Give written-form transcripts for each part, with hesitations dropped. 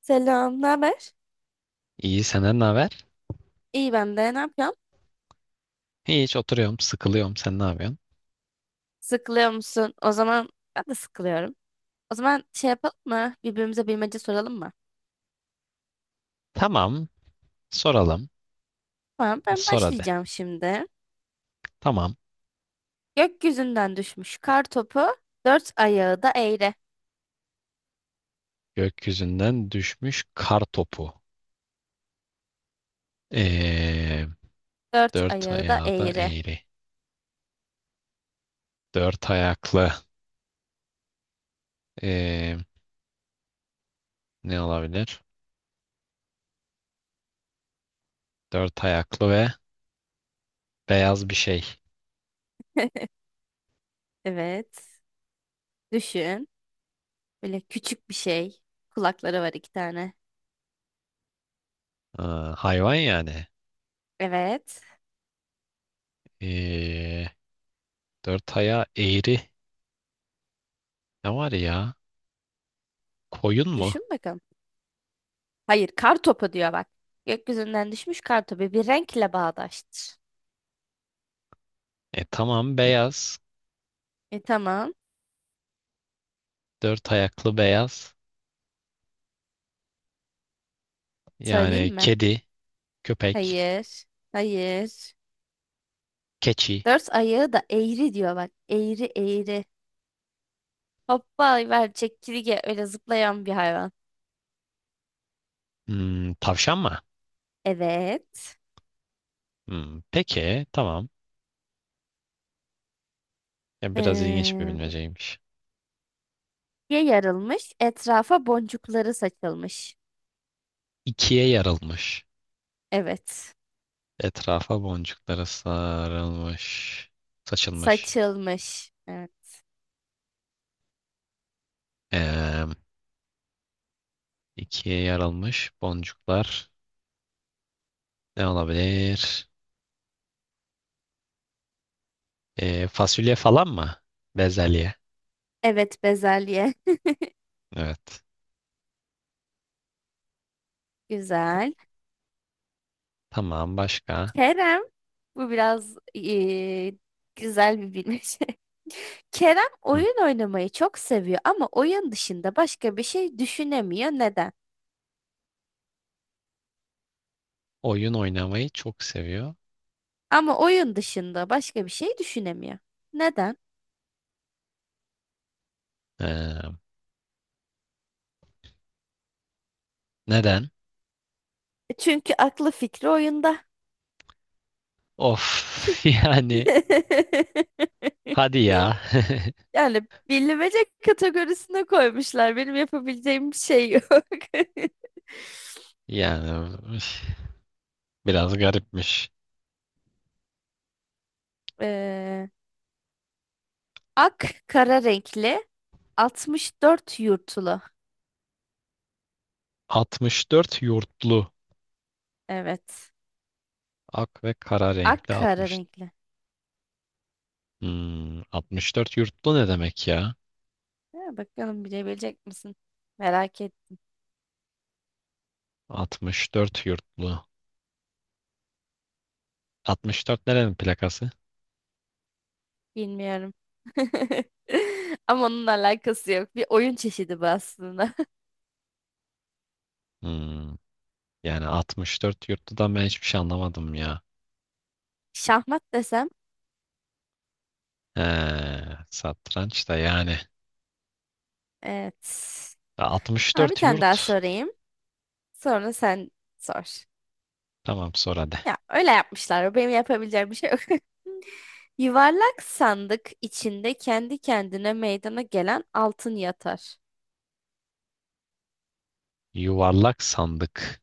Selam, ne haber? İyi senden ne haber? İyi ben de. Ne yapıyorsun? Hiç oturuyorum, sıkılıyorum. Sen ne yapıyorsun? Sıkılıyor musun? O zaman ben de sıkılıyorum. O zaman şey yapalım mı? Birbirimize bilmece soralım mı? Tamam, soralım. Tamam, ben Sor hadi. başlayacağım şimdi. Tamam. Gökyüzünden düşmüş kar topu, dört ayağı da eğri. Gökyüzünden düşmüş kar topu. Ee, Dört Dört ayağı da ayağı da eğri. eğri. Dört ayaklı. Ee, Ne olabilir? Dört ayaklı ve beyaz bir şey. Evet. Düşün. Böyle küçük bir şey. Kulakları var iki tane. Aa, hayvan yani. Evet. Ee, Dört ayağı eğri. Ne var ya? Koyun mu? Düşün bakalım. Hayır, kar topu diyor bak. Gökyüzünden düşmüş kar topu bir renkle bağdaştır. E tamam beyaz. E tamam. Dört ayaklı beyaz. Söyleyeyim Yani mi? kedi, köpek. Hayır. Hayır. Keçi. Dört ayağı da eğri diyor bak. Eğri eğri. Hoppa ver çekirge öyle zıplayan bir hayvan. Tavşan mı? Evet. Peki tamam. Ya, biraz ilginç bir Ee, bilmeceymiş. ye yarılmış. Etrafa boncukları saçılmış. İkiye yarılmış. Evet. Etrafa boncuklara sarılmış. Saçılmış. Saçılmış. Evet. Ee, ikiye yarılmış boncuklar. Ne olabilir? Fasulye falan mı? Bezelye. Evet, bezelye. Evet. Ta- Güzel. Tamam başka. Kerem. Bu biraz güzel bir bilmece. Kerem Hı. oyun oynamayı çok seviyor ama oyun dışında başka bir şey düşünemiyor. Neden? Oyun oynamayı çok seviyor. Ama oyun dışında başka bir şey düşünemiyor. Neden? Ee, Neden? Çünkü aklı fikri oyunda. Of yani hadi ya. Yani bilmece kategorisine koymuşlar. Benim yapabileceğim bir şey yok. Yani üf. Biraz garipmiş. Ee, Ak kara renkli 64 yurtulu. 64 yurtlu. Evet. Ak ve kara Ak renkli kara 60. renkli. 64 yurtlu ne demek ya? Ha, bakalım bilebilecek misin? Merak et. 64 yurtlu. 64 nerenin plakası? Bilmiyorum. Ama onunla alakası yok. Bir oyun çeşidi bu aslında. Hmm, Yani 64 yurtludan ben hiçbir şey anlamadım ya. Şahmat desem. He, satranç da yani. Evet. Ama bir 64 tane daha yurt. sorayım. Sonra sen sor. Tamam sonra hadi. Ya öyle yapmışlar. Benim yapabileceğim bir şey yok. Yuvarlak sandık içinde kendi kendine meydana gelen altın yatar. Yuvarlak sandık.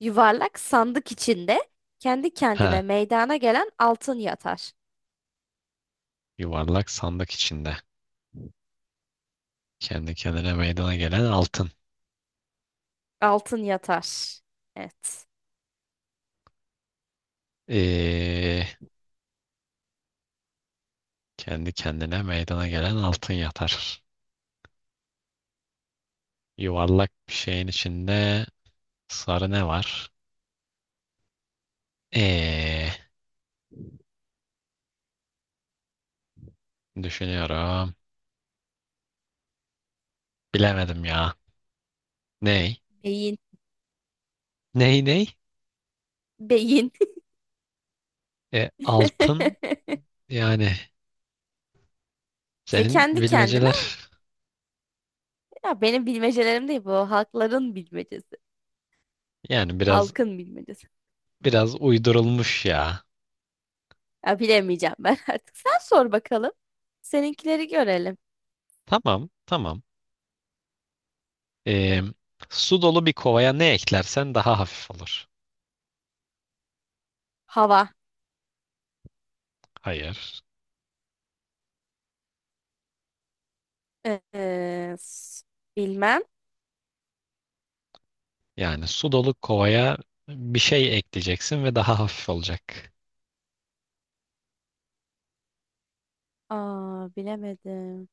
Yuvarlak sandık içinde kendi kendine Ha, meydana gelen altın yatar. yuvarlak sandık içinde. Kendi kendine meydana gelen altın. Altın yatar. Evet. Ee, Kendi kendine meydana gelen altın yatar. Yuvarlak bir şeyin içinde sarı ne var? Ee, Düşünüyorum. Bilemedim ya. Ney? Beyin. Ney? Beyin. Altın yani İşte senin kendi kendine bilmeceler ya benim bilmecelerim değil bu. Halkların bilmecesi. yani biraz Halkın bilmecesi. biraz uydurulmuş ya. Ya bilemeyeceğim ben artık. Sen sor bakalım. Seninkileri görelim. Tamam tamam. Ee, Su dolu bir kovaya ne eklersen daha hafif olur. Hava. Hayır. Ee, s- Bilmem. Yani su dolu kovaya bir şey ekleyeceksin ve daha hafif olacak. Aa, bilemedim.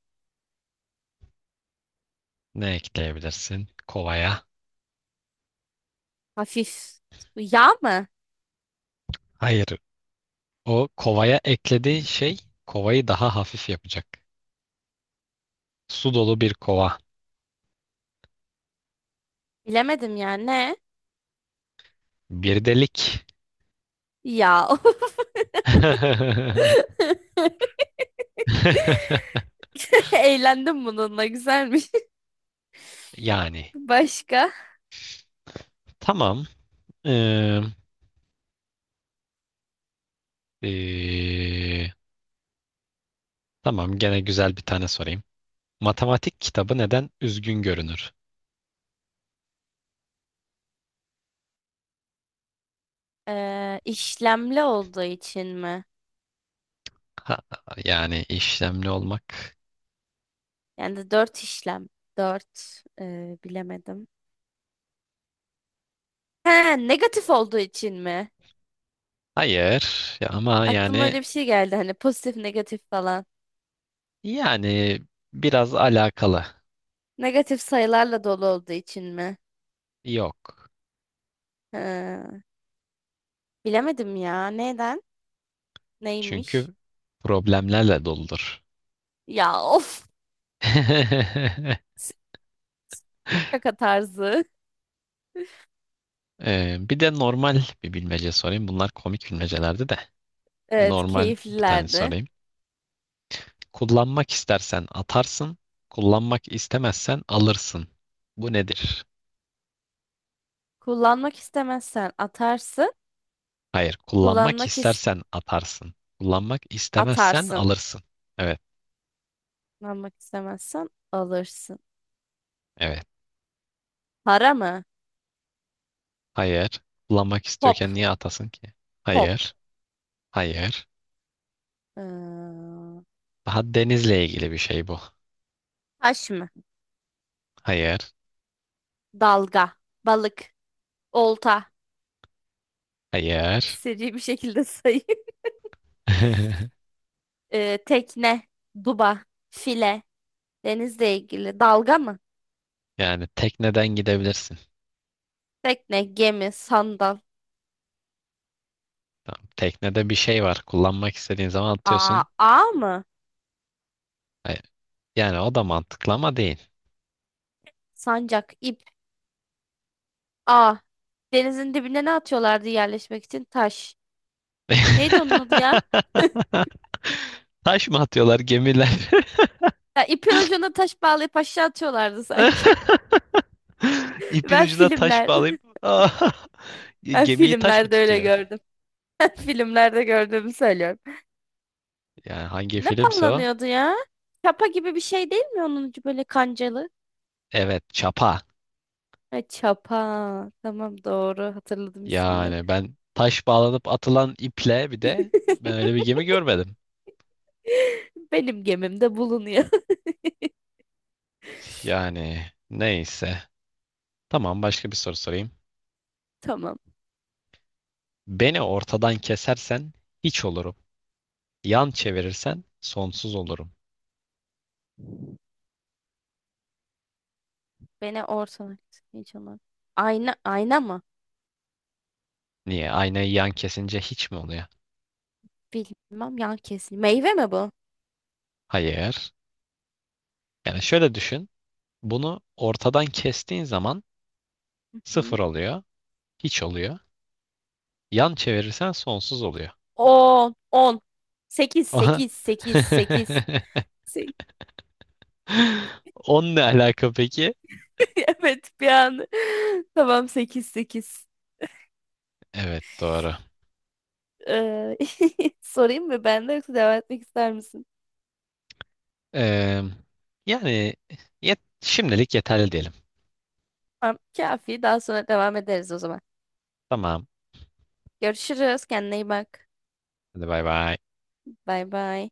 Ne ekleyebilirsin kovaya? Hafif. Yağ mı? Hayır, o kovaya eklediğin şey kovayı daha hafif yapacak. Su dolu bir kova, Bilemedim ya. Ne? bir delik. Yağ. Eğlendim bununla. Güzelmiş. Yani Başka? tamam. Ee, ee, tamam gene güzel bir tane sorayım. Matematik kitabı neden üzgün görünür? İşlemli olduğu için mi? Ha, yani işlemli olmak. Yani de dört işlem. Dört. Bilemedim. He, negatif olduğu için mi? Hayır ya ama Aklıma yani öyle bir şey geldi. Hani pozitif, negatif falan. yani biraz alakalı. Negatif sayılarla dolu olduğu için mi? Yok. He, bilemedim ya. Neden? Neymiş? Çünkü problemlerle doludur. Ya of. Şaka tarzı. Bir de normal bir bilmece sorayım. Bunlar komik bilmecelerdi de. Evet, Normal bir tane keyiflilerdi. sorayım. Kullanmak istersen atarsın, kullanmak istemezsen alırsın. Bu nedir? Kullanmak istemezsen atarsın. Hayır, kullanmak Kullanmak istersen atarsın, kullanmak istemezsen atarsın. alırsın. Evet, Kullanmak istemezsen alırsın. evet. Para mı? Hayır, kullanmak Pop. istiyorken niye atasın ki? Pop. Hayır, hayır. Ee, Daha denizle ilgili bir şey bu. Taş mı? Hayır, Dalga. Balık. Olta. hayır. Seri bir şekilde sayayım. Tekne. Duba. File. Denizle ilgili. Dalga mı? Yani tekneden gidebilirsin. Tekne, gemi, sandal. Tamam. Teknede bir şey var. Kullanmak istediğin zaman Aa, atıyorsun. ağ mı? E, Yani o da mantıklı ama değil. Sancak, ip, ağ. Denizin dibine ne atıyorlardı yerleşmek için? Taş. Neydi onun adı ya? Taş mı atıyorlar gemiler? Ya ipin ucuna taş bağlayıp aşağı atıyorlardı sanki. İpin Ben ucuna taş filmlerde, bağlayıp ben gemiyi taş mı filmlerde öyle tutuyor? gördüm. Ben filmlerde gördüğümü söylüyorum. Yani hangi Ne filmse o? pallanıyordu ya? Çapa gibi bir şey değil mi onun ucu böyle kancalı? Evet, çapa. Ha, çapa. Tamam, doğru hatırladım ismini. Yani ben taş bağlanıp atılan iple bir de ben öyle bir gemi görmedim. Benim gemimde bulunuyor. Yani neyse. Tamam başka bir soru sorayım. Tamam. Beni ortadan kesersen hiç olurum. Yan çevirirsen sonsuz olurum. Beni ortadan kes. Hiç olmaz. Ayna, ayna mı? Niye? Aynayı yan kesince hiç mi oluyor? Bilmem yan kesin. Meyve mi bu? Hayır. Yani şöyle düşün. Bunu ortadan kestiğin zaman Hı-hı. sıfır oluyor, hiç oluyor. Yan çevirirsen sonsuz oluyor. 10, 10. 8, Aha. 8, 8, 8. Onunla ne alaka peki? Evet, bir an. Tamam 8, 8. Evet doğru. Ee, Sorayım mı ben de yoksa devam etmek ister misin? Ee, Yani şimdilik yeterli diyelim. Tamam, kafi. Daha sonra devam ederiz o zaman. Tamam. Görüşürüz. Kendine iyi bak. Hadi bay bay. Bay bay.